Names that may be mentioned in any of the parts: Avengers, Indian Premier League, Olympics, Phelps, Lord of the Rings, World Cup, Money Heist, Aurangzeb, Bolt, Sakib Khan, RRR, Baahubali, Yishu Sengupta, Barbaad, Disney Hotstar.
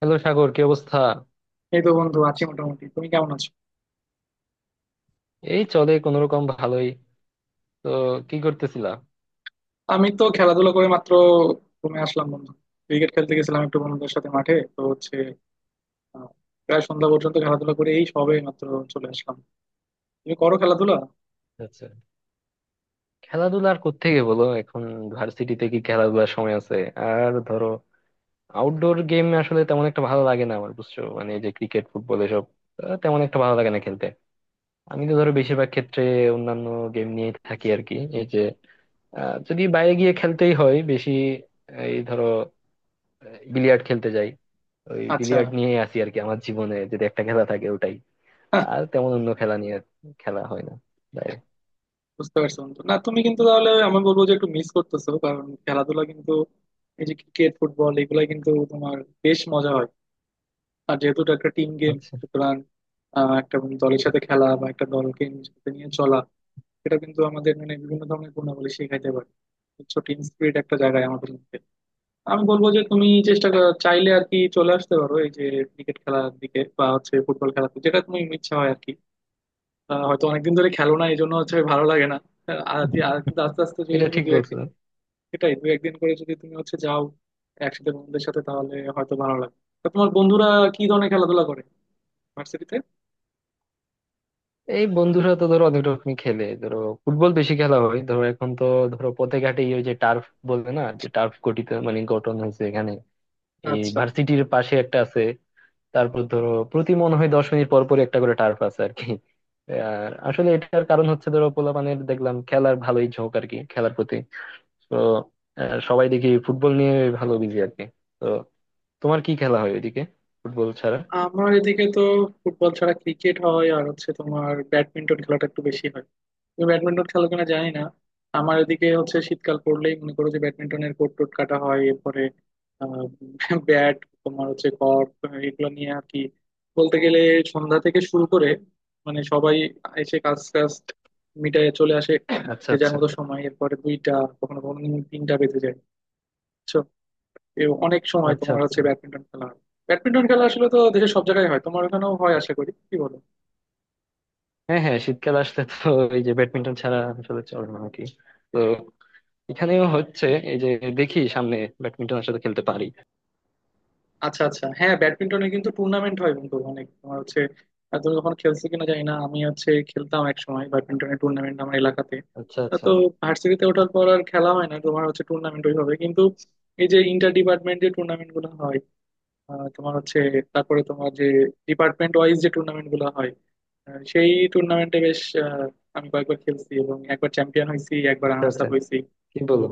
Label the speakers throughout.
Speaker 1: Hello Sagar কি অবস্থা।
Speaker 2: এই তো বন্ধু আছি মোটামুটি। তুমি কেমন আছো?
Speaker 1: এই চলে কোন রকম ভালোই। তো কি করতেছিলা?
Speaker 2: আমি তো খেলাধুলা করে মাত্র ঘুমে আসলাম বন্ধু। ক্রিকেট খেলতে গেছিলাম একটু বন্ধুদের সাথে, মাঠে তো হচ্ছে। আহ, প্রায় সন্ধ্যা পর্যন্ত খেলাধুলা করে এই সবে মাত্র চলে আসলাম। তুমি করো খেলাধুলা?
Speaker 1: আচ্ছা, খেলাধুলা আর কোত্থেকে বলো এখন। ভার্সিটিতে কি খেলাধুলার সময় আছে? আর ধরো আউটডোর গেম আসলে তেমন একটা ভালো লাগে না আমার, বুঝছো? মানে এই যে ক্রিকেট ফুটবল এসব তেমন একটা ভালো লাগে না খেলতে। আমি তো ধরো বেশিরভাগ ক্ষেত্রে অন্যান্য গেম নিয়ে থাকি আর কি। এই যে যদি বাইরে গিয়ে খেলতেই হয় বেশি, এই ধরো বিলিয়ার্ড খেলতে যাই। ওই
Speaker 2: আচ্ছা।
Speaker 1: বিলিয়ার্ড নিয়েই আসি আর কি, আমার জীবনে যদি একটা খেলা থাকে ওটাই।
Speaker 2: হ্যাঁ,
Speaker 1: আর তেমন অন্য খেলা নিয়ে খেলা হয় না বাইরে।
Speaker 2: বুঝতে পারছো বন্ধু, না তুমি কিন্তু, তাহলে আমি বলবো যে একটু মিস করতেছো, কারণ খেলাধুলা কিন্তু এই যে ক্রিকেট ফুটবল এগুলা কিন্তু তোমার বেশ মজা হয়। আর যেহেতু এটা একটা টিম গেম,
Speaker 1: আচ্ছা।
Speaker 2: সুতরাং একটা দলের সাথে খেলা বা একটা দলকে নিজের সাথে নিয়ে চলা সেটা কিন্তু আমাদের মানে বিভিন্ন ধরনের গুণাবলী শেখাইতে পারে। বুঝছো, টিম স্পিরিট একটা জায়গায় আমাদের মধ্যে। আমি বলবো যে তুমি চাইলে আর কি চলে আসতে পারো এই যে ক্রিকেট খেলার দিকে বা হচ্ছে ফুটবল খেলাতে, যেটা তুমি ইচ্ছা হয় আর কি। হয়তো অনেকদিন ধরে খেলো না, এই জন্য হচ্ছে ভালো লাগে না। আর কিন্তু আস্তে আস্তে যদি
Speaker 1: এটা
Speaker 2: তুমি
Speaker 1: ঠিক
Speaker 2: দু
Speaker 1: বলছো।
Speaker 2: একদিন, সেটাই দু একদিন করে যদি তুমি হচ্ছে যাও একসাথে বন্ধুদের সাথে, তাহলে হয়তো ভালো লাগে। তো তোমার বন্ধুরা কি ধরনের খেলাধুলা করে ভার্সিটিতে?
Speaker 1: এই বন্ধুরা তো ধরো অনেক রকমই খেলে, ধরো ফুটবল বেশি খেলা হয় ধরো এখন তো। ধরো পথে ঘাটে ওই যে টার্ফ বলে না, যে টার্ফ গঠিত মানে গঠন হয়েছে এখানে, এই
Speaker 2: আচ্ছা।
Speaker 1: ভার্সিটির পাশে একটা আছে। তারপর ধরো প্রতি মনে হয় 10 মিনিট পর পর একটা করে টার্ফ আছে আর কি। আর আসলে এটার কারণ হচ্ছে ধরো পোলাপানের দেখলাম খেলার ভালোই ঝোঁক আর কি, খেলার প্রতি। তো সবাই দেখি ফুটবল নিয়ে ভালো বিজি আর কি। তো তোমার কি খেলা হয় ওইদিকে ফুটবল ছাড়া?
Speaker 2: আমার এদিকে তো ফুটবল ছাড়া ক্রিকেট হয়, আর হচ্ছে তোমার ব্যাডমিন্টন খেলাটা একটু বেশি হয়। তুমি ব্যাডমিন্টন খেলো কিনা জানি না। আমার এদিকে হচ্ছে শীতকাল পড়লেই মনে করো যে ব্যাডমিন্টনের কোর্ট টোট কাটা হয়, এরপরে ব্যাট, তোমার হচ্ছে কর্ক, এগুলো নিয়ে আর কি, বলতে গেলে সন্ধ্যা থেকে শুরু করে মানে সবাই এসে কাজ কাজ মিটায় চলে আসে,
Speaker 1: আচ্ছা
Speaker 2: যে যার
Speaker 1: আচ্ছা।
Speaker 2: মতো সময়, এরপরে দুইটা কখনো কখনো কিন্তু তিনটা বেজে যায়। বুঝছো, এ অনেক সময়
Speaker 1: আচ্ছা
Speaker 2: তোমার
Speaker 1: আচ্ছা।
Speaker 2: হচ্ছে ব্যাডমিন্টন খেলা হয়। ব্যাডমিন্টন খেলা আসলে তো দেশের সব জায়গায় হয়, তোমার ওখানেও হয় আশা করি, কি বলো?
Speaker 1: হ্যাঁ হ্যাঁ, শীতকাল আসলে তো এই যে ব্যাডমিন্টন ছাড়া আসলে চলে না আর কি। তো এখানেও হচ্ছে এই যে দেখি সামনে ব্যাডমিন্টন আসলে খেলতে পারি।
Speaker 2: আচ্ছা আচ্ছা। হ্যাঁ, ব্যাডমিন্টনে কিন্তু টুর্নামেন্ট হয় বন্ধু অনেক, তোমার হচ্ছে তুমি কখনো খেলছো কিনা জানি না। আমি হচ্ছে খেলতাম এক সময় ব্যাডমিন্টনের টুর্নামেন্ট আমার এলাকাতে।
Speaker 1: আচ্ছা
Speaker 2: তা
Speaker 1: আচ্ছা।
Speaker 2: তো ভার্সিটিতে ওঠার পর আর খেলা হয় না তোমার হচ্ছে টুর্নামেন্ট ওইভাবে, কিন্তু এই যে ইন্টার ডিপার্টমেন্ট যে টুর্নামেন্ট গুলো হয়, তোমার হচ্ছে তারপরে তোমার যে ডিপার্টমেন্ট ওয়াইজ যে টুর্নামেন্ট গুলো হয়, সেই টুর্নামেন্টে বেশ আমি কয়েকবার খেলছি এবং একবার চ্যাম্পিয়ন হয়েছি, একবার
Speaker 1: আচ্ছা
Speaker 2: রানার্স
Speaker 1: আচ্ছা।
Speaker 2: আপ হয়েছি।
Speaker 1: কি বলো,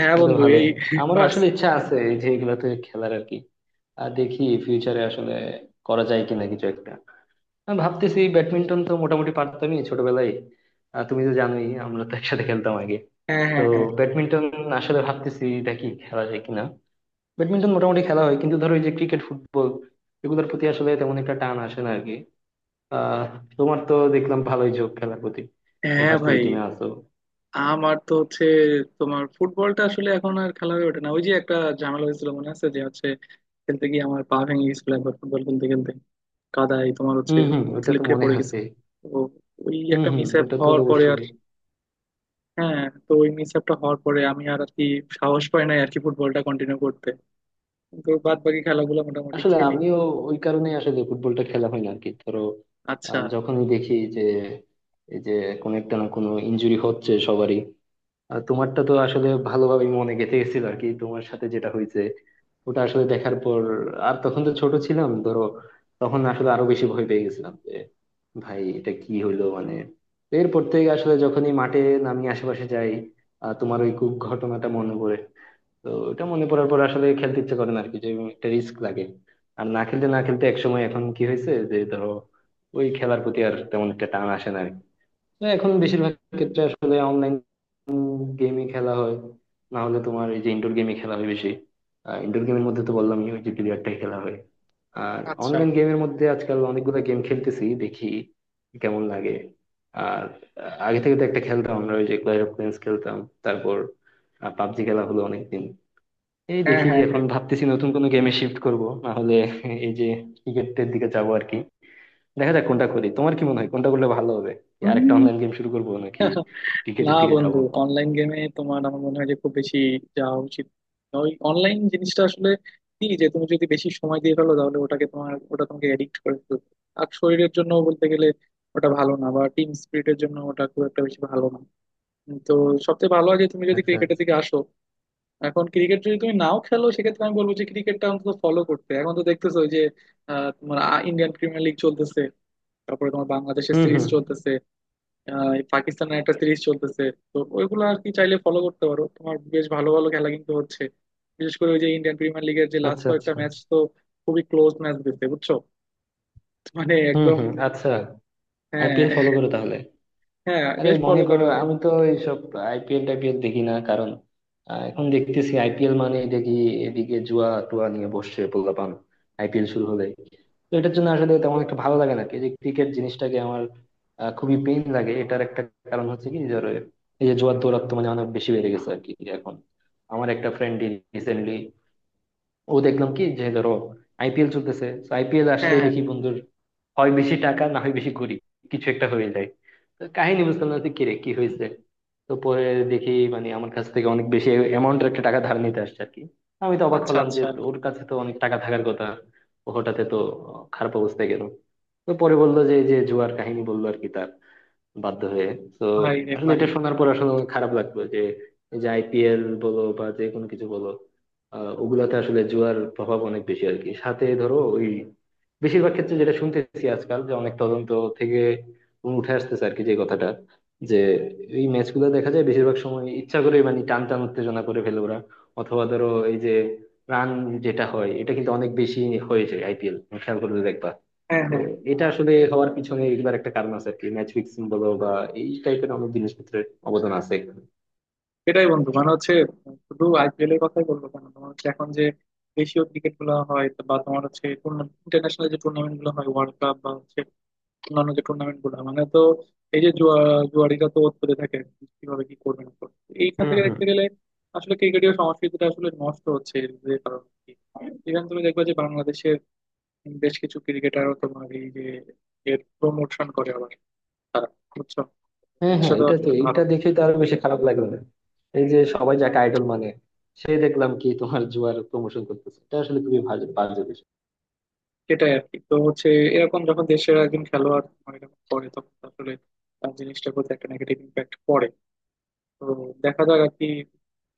Speaker 2: হ্যাঁ
Speaker 1: এটা তো
Speaker 2: বন্ধু,
Speaker 1: ভালোই।
Speaker 2: এই
Speaker 1: আমারও
Speaker 2: ভার্স।
Speaker 1: আসলে ইচ্ছা আছে এই যে এগুলাতে খেলার আর কি। আর দেখি ফিউচারে আসলে করা যায় কিনা কিছু একটা। আমি ভাবতেছি ব্যাডমিন্টন তো মোটামুটি পারতামই ছোটবেলায়। তুমি তো জানোই আমরা তো একসাথে খেলতাম আগে।
Speaker 2: হ্যাঁ,
Speaker 1: তো
Speaker 2: হ্যাঁ, হ্যাঁ।
Speaker 1: ব্যাডমিন্টন আসলে ভাবতেছি দেখি খেলা যায় কিনা। ব্যাডমিন্টন মোটামুটি খেলা হয়, কিন্তু ধরো এই যে ক্রিকেট ফুটবল এগুলোর প্রতি আসলে তেমন একটা টান আসে না আর কি। আহ, তোমার তো দেখলাম ভালোই ঝোঁক খেলার প্রতি,
Speaker 2: হ্যাঁ
Speaker 1: ভার্সিটি
Speaker 2: ভাই।
Speaker 1: টিমে আছো।
Speaker 2: আমার তো হচ্ছে তোমার ফুটবলটা আসলে এখন আর খেলা হয়ে ওঠে না। ওই যে একটা ঝামেলা হয়েছিল মনে আছে, যে হচ্ছে খেলতে গিয়ে আমার পা ভেঙে গেছিল একবার, ফুটবল খেলতে খেলতে কাদায় তোমার হচ্ছে
Speaker 1: হম হম, ওটা তো
Speaker 2: স্লিপ খেয়ে
Speaker 1: মনে
Speaker 2: পড়ে গেছে।
Speaker 1: আছে।
Speaker 2: তো ওই
Speaker 1: হম
Speaker 2: একটা
Speaker 1: হম,
Speaker 2: মিস আপ
Speaker 1: ওটা তো
Speaker 2: হওয়ার পরে আর
Speaker 1: অবশ্যই।
Speaker 2: হ্যাঁ, তো ওই মিস আপটা হওয়ার পরে আমি আর আর কি সাহস পাই নাই আর কি ফুটবলটা কন্টিনিউ করতে, কিন্তু বাদ বাকি খেলাগুলো মোটামুটি
Speaker 1: আসলে
Speaker 2: খেলি।
Speaker 1: আমিও ওই কারণে আসলে ফুটবলটা খেলা হয় না আর কি ধরো।
Speaker 2: আচ্ছা
Speaker 1: যখনই দেখি যে এই যে কোনো একটা না কোনো ইনজুরি হচ্ছে সবারই। আর তোমারটা তো আসলে ভালোভাবেই মনে গেঁথে গেছিল আর কি, তোমার সাথে যেটা হয়েছে ওটা আসলে দেখার পর। আর তখন তো ছোট ছিলাম ধরো, তখন আসলে আরো বেশি ভয় পেয়ে গেছিলাম যে ভাই এটা কি হইলো মানে। তো এরপর থেকে আসলে যখনই মাঠে নামি আশেপাশে যাই, তোমার ওই ঘটনাটা মনে পড়ে। তো ওটা মনে পড়ার পর আসলে খেলতে ইচ্ছে করে না আর কি, যে একটা রিস্ক লাগে। আর না খেলতে না খেলতে একসময় এখন কি হয়েছে যে ধরো ওই খেলার প্রতি আর তেমন একটা টান আসে না আর কি। না, এখন বেশিরভাগ ক্ষেত্রে আসলে অনলাইন গেমই খেলা হয়। না হলে তোমার এই যে ইনডোর গেমই খেলা হয় বেশি। ইনডোর গেমের মধ্যে তো বললামই ওই যে বিলিয়ার্ডটাই খেলা হয়। আর
Speaker 2: আচ্ছা।
Speaker 1: অনলাইন গেমের মধ্যে আজকাল অনেকগুলো গেম খেলতেছি, দেখি কেমন লাগে। আর আগে থেকে তো একটা খেলতাম আমরা, ওই যে ক্ল্যাশ অফ ক্ল্যান্স খেলতাম। তারপর পাবজি খেলা হলো অনেকদিন। এই
Speaker 2: হ্যাঁ,
Speaker 1: দেখি
Speaker 2: হ্যাঁ,
Speaker 1: এখন ভাবতেছি নতুন কোনো গেমে শিফট করব, না হলে এই যে ক্রিকেটের দিকে যাবো আর কি। দেখা যাক কোনটা করি, তোমার কি মনে হয় কোনটা করলে ভালো হবে? কি আরেকটা
Speaker 2: হ্যাঁ।
Speaker 1: অনলাইন গেম শুরু করবো নাকি
Speaker 2: না
Speaker 1: ক্রিকেটের দিকে
Speaker 2: বন্ধু,
Speaker 1: যাবো?
Speaker 2: অনলাইন গেমে তোমার আমার মনে হয় যে খুব বেশি যাওয়া উচিত না। ওই অনলাইন জিনিসটা আসলে কি, যে তুমি যদি বেশি সময় দিয়ে ফেলো তাহলে ওটাকে তোমার, ওটা তোমাকে এডিক্ট করে ফেলবে। আর শরীরের জন্য বলতে গেলে ওটা ভালো না, বা টিম স্পিরিটের জন্য ওটা খুব একটা বেশি ভালো না। তো সবচেয়ে ভালো হয় যে তুমি যদি
Speaker 1: আচ্ছা
Speaker 2: ক্রিকেটের
Speaker 1: আচ্ছা।
Speaker 2: দিকে আসো। এখন ক্রিকেট যদি তুমি নাও খেলো সেক্ষেত্রে আমি বলবো যে ক্রিকেটটা অন্তত ফলো করতে। এখন তো দেখতেছো ওই যে তোমার ইন্ডিয়ান প্রিমিয়ার লিগ চলতেছে, তারপরে তোমার বাংলাদেশের
Speaker 1: হুম
Speaker 2: সিরিজ
Speaker 1: হুম,
Speaker 2: চলতেছে, এই পাকিস্তানের একটা সিরিজ চলতেছে। তো ওইগুলো আর কি চাইলে ফলো করতে পারো, তোমার বেশ ভালো ভালো খেলা কিন্তু হচ্ছে। বিশেষ করে ওই যে ইন্ডিয়ান প্রিমিয়ার লিগের যে লাস্ট
Speaker 1: আচ্ছা।
Speaker 2: কয়েকটা
Speaker 1: আচ্ছা,
Speaker 2: ম্যাচ তো খুবই ক্লোজ ম্যাচ দিচ্ছে, বুঝছো, মানে
Speaker 1: হুম
Speaker 2: একদম।
Speaker 1: হুম। আচ্ছা, আইপিএল
Speaker 2: হ্যাঁ।
Speaker 1: ফলো করো তাহলে।
Speaker 2: হ্যাঁ,
Speaker 1: আরে
Speaker 2: বেশ
Speaker 1: মনে
Speaker 2: ফলো
Speaker 1: করো
Speaker 2: করা হয়।
Speaker 1: আমি তো এইসব আইপিএল টাইপিএল দেখি না, কারণ এখন দেখতেছি আইপিএল মানে দেখি এদিকে জুয়া টুয়া নিয়ে বসছে পোলাপান আইপিএল শুরু হলে। তো এটার জন্য আসলে তেমন একটা ভালো লাগে না এই যে ক্রিকেট জিনিসটাকে আমার। খুবই পেইন লাগে। এটার একটা কারণ হচ্ছে কি ধরো এই যে জুয়ার দৌরাত্ম্য মানে অনেক বেশি বেড়ে গেছে আর কি এখন। আমার একটা ফ্রেন্ড রিসেন্টলি, ও দেখলাম কি যে ধরো আইপিএল চলতেছে তো আইপিএল আসলে
Speaker 2: হ্যাঁ, হ্যাঁ।
Speaker 1: দেখি বন্ধুর হয় বেশি টাকা না হয় বেশি গরিব, কিছু একটা হয়ে যায়। তো কাহিনী বুঝতাম না যে কিরে কি হয়েছে। তো পরে দেখি মানে আমার কাছ থেকে অনেক বেশি অ্যামাউন্টের একটা টাকা ধার নিতে আসছে আর কি। আমি তো অবাক
Speaker 2: আচ্ছা
Speaker 1: হলাম যে
Speaker 2: আচ্ছা।
Speaker 1: ওর কাছে তো অনেক টাকা থাকার কথা, ও হঠাৎ তো খারাপ অবস্থায় গেল। তো পরে বললো যে এই যে জুয়ার কাহিনী বললো আর কি, তার বাধ্য হয়ে। তো
Speaker 2: ভাই রে
Speaker 1: আসলে
Speaker 2: ভাই।
Speaker 1: এটা শোনার পর আসলে অনেক খারাপ লাগলো যে এই যে আইপিএল বলো বা যে কোনো কিছু বলো আহ, ওগুলাতে আসলে জুয়ার প্রভাব অনেক বেশি আর কি, সাথে ধরো ওই বেশিরভাগ ক্ষেত্রে যেটা শুনতেছি আজকাল যে অনেক তদন্ত থেকে উঠে আসতেছে আর কি, যে কথাটা যে এই ম্যাচগুলো দেখা যায় বেশিরভাগ সময় ইচ্ছা করে মানে টান টান উত্তেজনা করে ফেলে ওরা। অথবা ধরো এই যে রান যেটা হয় এটা কিন্তু অনেক বেশি হয়েছে আইপিএল, খেয়াল করলে দেখবা।
Speaker 2: হ্যাঁ,
Speaker 1: তো
Speaker 2: হ্যাঁ।
Speaker 1: এটা আসলে হওয়ার পিছনে এগুলার একটা কারণ আছে আর কি, ম্যাচ ফিক্সিং বলো বা এই টাইপের অনেক জিনিসপত্রের অবদান আছে এখানে।
Speaker 2: এটাই বন্ধু, মানে হচ্ছে শুধু আইপিএল এর কথাই বলবো কেন, তোমার হচ্ছে এখন যে দেশীয় ক্রিকেট গুলো হয় বা তোমার হচ্ছে ইন্টারন্যাশনাল যে টুর্নামেন্ট গুলো হয় ওয়ার্ল্ড কাপ বা হচ্ছে অন্যান্য যে টুর্নামেন্ট গুলো, মানে তো এই যে জুয়া, জুয়ারিরা তো পড়ে থাকে কিভাবে কি করবে না করবে। তো এইখান
Speaker 1: হুম
Speaker 2: থেকে
Speaker 1: হুম।
Speaker 2: দেখতে গেলে আসলে ক্রিকেটীয় সংস্কৃতিটা আসলে নষ্ট হচ্ছে এর যে কারণে, কি ইভেন তুমি দেখবে যে বাংলাদেশের বেশ কিছু ক্রিকেটারও তোমার এই যে এর প্রমোশন করে, আবার তারা বুঝছো
Speaker 1: হ্যাঁ
Speaker 2: জিনিসটা
Speaker 1: হ্যাঁ,
Speaker 2: তো
Speaker 1: এটা তো
Speaker 2: আসলে ভালো
Speaker 1: এটা
Speaker 2: না।
Speaker 1: দেখে তো আরো বেশি খারাপ লাগলো না। এই যে সবাই যাকে আইডল মানে, সে দেখলাম কি তোমার জুয়ার প্রমোশন করতেছে, এটা আসলে খুবই ভালো বাজে বিষয়।
Speaker 2: সেটাই আর কি, তো হচ্ছে এরকম যখন দেশের একজন খেলোয়াড় তোমার এরকম করে, তখন তো আসলে তার জিনিসটার প্রতি একটা নেগেটিভ ইম্প্যাক্ট পড়ে। তো দেখা যাক আর কি,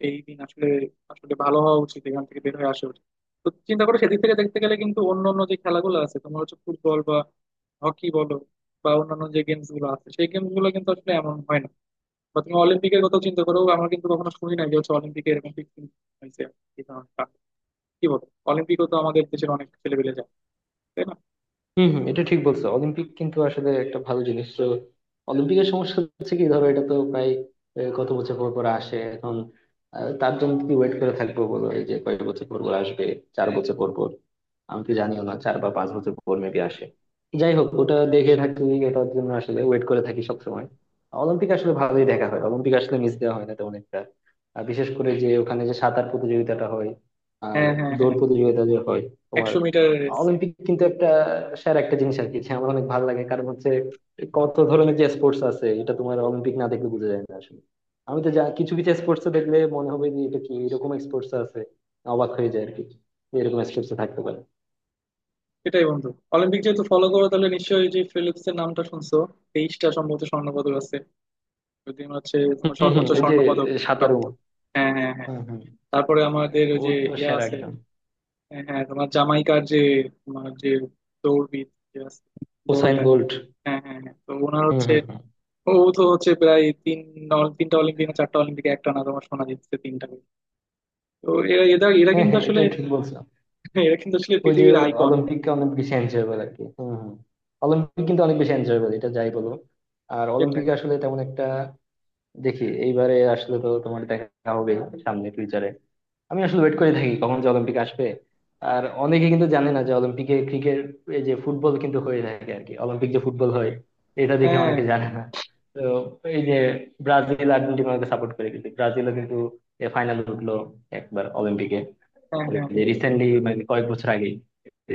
Speaker 2: এই দিন আসলে আসলে ভালো হওয়া উচিত, এখান থেকে বের হয়ে আসা উচিত। তো চিন্তা করো সেদিক থেকে দেখতে গেলে কিন্তু অন্য অন্য যে খেলাগুলো আছে, তোমার হচ্ছে ফুটবল বা হকি বলো বা অন্যান্য যে গেমস গুলো আছে, সেই গেমস গুলো কিন্তু আসলে এমন হয় না। বা তুমি অলিম্পিকের কথা চিন্তা করো, আমরা কিন্তু কখনো শুনি না যে হচ্ছে অলিম্পিকে এরকম fixing হয়েছে এই ধরনটা। কি বলো, অলিম্পিকও তো আমাদের দেশের অনেক ছেলেপেলে যায় তাই না?
Speaker 1: হম হম, এটা ঠিক বলছো, অলিম্পিক কিন্তু আসলে একটা ভালো জিনিস তো। অলিম্পিকের সমস্যা হচ্ছে কি ধরো এটা তো প্রায় কত বছর পর পর আসে এখন। তার জন্য কি ওয়েট করে থাকবো বলো, এই যে কয়েক বছর পর পর আসবে, 4 বছর পর পর। আমি তো জানিও না, 4 বা 5 বছর পর মেবি আসে। যাই হোক ওটা দেখে থাকি, এটার জন্য আসলে ওয়েট করে থাকি সবসময়। অলিম্পিক আসলে ভালোই দেখা হয়, অলিম্পিক আসলে মিস দেওয়া হয় না তেমন একটা। আর বিশেষ করে যে ওখানে যে সাঁতার প্রতিযোগিতাটা হয় আর
Speaker 2: হ্যাঁ, হ্যাঁ, হ্যাঁ।
Speaker 1: দৌড় প্রতিযোগিতা যে হয় তোমার।
Speaker 2: 100 মিটার রেস।
Speaker 1: অলিম্পিক কিন্তু একটা স্যার একটা জিনিস আর কি, যে আমার অনেক ভালো লাগে। কারণ হচ্ছে কত ধরনের যে স্পোর্টস আছে এটা তোমার অলিম্পিক না দেখলে বোঝা যায় না আসলে। আমি তো যা কিছু কিছু স্পোর্টস দেখলে মনে হবে যে এটা কি, এরকম স্পোর্টস আছে, অবাক হয়ে যায় আর কি, যে এরকম স্পোর্টস থাকতে পারে।
Speaker 2: সেটাই বন্ধু, অলিম্পিক যেহেতু ফলো করো তাহলে নিশ্চয়ই যে ফিলিপস এর নামটা শুনছো। 23টা সম্ভবত স্বর্ণ পদক আছে, টিম হচ্ছে তোমার
Speaker 1: হম হম,
Speaker 2: সর্বোচ্চ
Speaker 1: এই যে
Speaker 2: স্বর্ণ পদক
Speaker 1: সাঁতারু।
Speaker 2: প্রাপ্ত। হ্যাঁ, হ্যাঁ, হ্যাঁ।
Speaker 1: হুম হুম,
Speaker 2: তারপরে আমাদের ওই
Speaker 1: ও
Speaker 2: যে
Speaker 1: তো
Speaker 2: ইয়া
Speaker 1: সেরা
Speaker 2: আছে,
Speaker 1: একজন।
Speaker 2: হ্যাঁ, হ্যাঁ, তোমার জামাইকার যে, তোমার যে দৌড়বিদ যে আছে,
Speaker 1: উসাইন
Speaker 2: বোল্ট আর কি।
Speaker 1: বোল্ট।
Speaker 2: হ্যাঁ, হ্যাঁ, হ্যাঁ, তো ওনার
Speaker 1: হুম
Speaker 2: হচ্ছে
Speaker 1: হুম হুম।
Speaker 2: ও তো হচ্ছে প্রায় তিন তিনটা অলিম্পিকে, চারটা অলিম্পিকে একটা না তোমার সোনা জিতছে তিনটা করে। তো এরা এরা এরা
Speaker 1: হ্যাঁ
Speaker 2: কিন্তু
Speaker 1: হ্যাঁ,
Speaker 2: আসলে
Speaker 1: এটা ঠিক বলছো।
Speaker 2: এরা কিন্তু আসলে
Speaker 1: ওই যে
Speaker 2: পৃথিবীর আইকন।
Speaker 1: অলিম্পিককে অনেক বেশি এনজয়েবল আর কি, হুম হুম। অলিম্পিক কিন্তু অনেক বেশি এনজয়েবল, এটা যাই বলো। আর অলিম্পিক
Speaker 2: সেটাই।
Speaker 1: আসলে তেমন একটা দেখি এইবারে আসলে তো তোমার দেখা হবে সামনে ফিউচারে। আমি আসলে ওয়েট করে থাকি কখন যে অলিম্পিক আসবে। আর অনেকে কিন্তু জানে না যে অলিম্পিকে ক্রিকেট, এই যে ফুটবল কিন্তু হয়ে থাকে আর কি, অলিম্পিক যে ফুটবল হয় এটা দেখে
Speaker 2: হ্যাঁ,
Speaker 1: অনেকে জানে না। তো এই যে ব্রাজিল আর্জেন্টিনাকে সাপোর্ট করে, কিন্তু ব্রাজিলও কিন্তু ফাইনাল উঠলো একবার অলিম্পিকে,
Speaker 2: হ্যাঁ,
Speaker 1: ওই
Speaker 2: হ্যাঁ।
Speaker 1: যে
Speaker 2: হ্যাঁ,
Speaker 1: রিসেন্টলি মানে কয়েক বছর আগে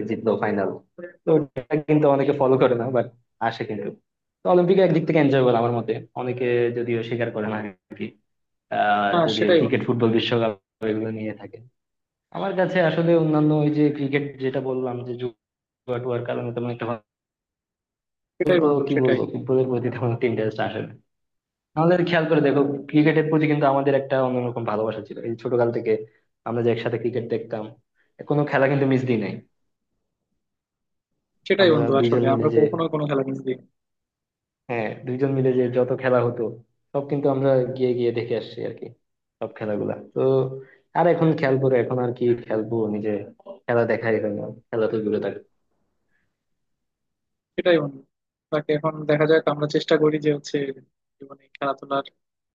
Speaker 1: জিতলো ফাইনাল। তো ওটা কিন্তু অনেকে ফলো করে না, বাট আসে কিন্তু। তো অলিম্পিকে একদিক থেকে এনজয় করা আমার মতে অনেকে যদিও স্বীকার করে না আর কি, আহ,
Speaker 2: হ্যাঁ,
Speaker 1: যদিও
Speaker 2: সেটাই
Speaker 1: ক্রিকেট
Speaker 2: বন্ধু
Speaker 1: ফুটবল বিশ্বকাপ এগুলো নিয়ে থাকে। আমার কাছে আসলে অন্যান্য ওই যে ক্রিকেট যেটা বললাম যে জুয়া টুয়ার কারণে তেমন একটা ভালো।
Speaker 2: সেটাই।
Speaker 1: তো
Speaker 2: বন্ধু
Speaker 1: কি
Speaker 2: সেটাই।
Speaker 1: বলবো, ফুটবলের প্রতি তেমন একটা ইন্টারেস্ট আসে না। আমাদের খেয়াল করে দেখো, ক্রিকেটের প্রতি কিন্তু আমাদের একটা অন্যরকম ভালোবাসা ছিল এই ছোটকাল থেকে। আমরা যে একসাথে ক্রিকেট দেখতাম, কোনো খেলা কিন্তু মিস দিই নাই।
Speaker 2: সেটাই
Speaker 1: আমরা
Speaker 2: বন্ধু,
Speaker 1: দুইজন
Speaker 2: আসলে
Speaker 1: মিলে
Speaker 2: আমরা
Speaker 1: যে,
Speaker 2: কখনো কোনো খেলা মিস দিই না।
Speaker 1: হ্যাঁ দুইজন মিলে যে যত খেলা হতো সব কিন্তু আমরা গিয়ে গিয়ে দেখে আসছি আর কি, সব খেলাগুলা তো। আর এখন খেয়াল করে এখন আর কি খেলবো নিজে, খেলা দেখাই হয় না, খেলা তো দূরে থাকে।
Speaker 2: সেটাই বন্ধু, বাকি এখন দেখা যাক, আমরা চেষ্টা করি যে হচ্ছে জীবনে খেলাধুলার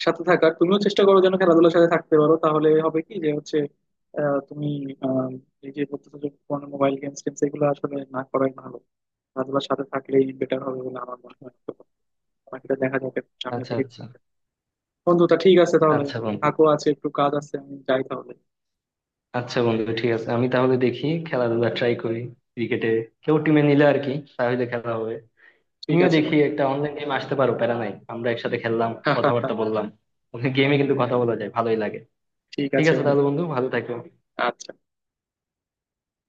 Speaker 2: সাথে থাকার। তুমিও চেষ্টা করো যেন খেলাধুলার সাথে থাকতে পারো, তাহলে হবে কি যে হচ্ছে তুমি আহ, এই যে বলতেছো যে ফোনে মোবাইল গেমস টেমস এগুলো আসলে না করাই ভালো, খেলাধুলার সাথে থাকলেই বেটার হবে বলে আমার মনে হয়। তো বাকিটা দেখা যাবে সামনের
Speaker 1: আচ্ছা
Speaker 2: দিকে কি
Speaker 1: আচ্ছা।
Speaker 2: হয়। বন্ধু তা ঠিক আছে তাহলে।
Speaker 1: আচ্ছা বন্ধু।
Speaker 2: থাকো, আছে একটু কাজ, আছে আমি যাই তাহলে।
Speaker 1: আচ্ছা বন্ধু, ঠিক আছে, আমি তাহলে দেখি খেলাধুলা ট্রাই করি। ক্রিকেটে কেউ টিমে নিলে আর কি তাহলে খেলা হবে।
Speaker 2: ঠিক
Speaker 1: তুমিও
Speaker 2: আছে
Speaker 1: দেখি
Speaker 2: বন্ধু।
Speaker 1: একটা অনলাইন গেম আসতে পারো, প্যারা নাই, আমরা একসাথে খেললাম, কথাবার্তা বললাম। গেমে কিন্তু কথা বলা যায়, ভালোই লাগে।
Speaker 2: ঠিক
Speaker 1: ঠিক
Speaker 2: আছে
Speaker 1: আছে
Speaker 2: বন্ধু।
Speaker 1: তাহলে বন্ধু, ভালো থাকো।
Speaker 2: আচ্ছা।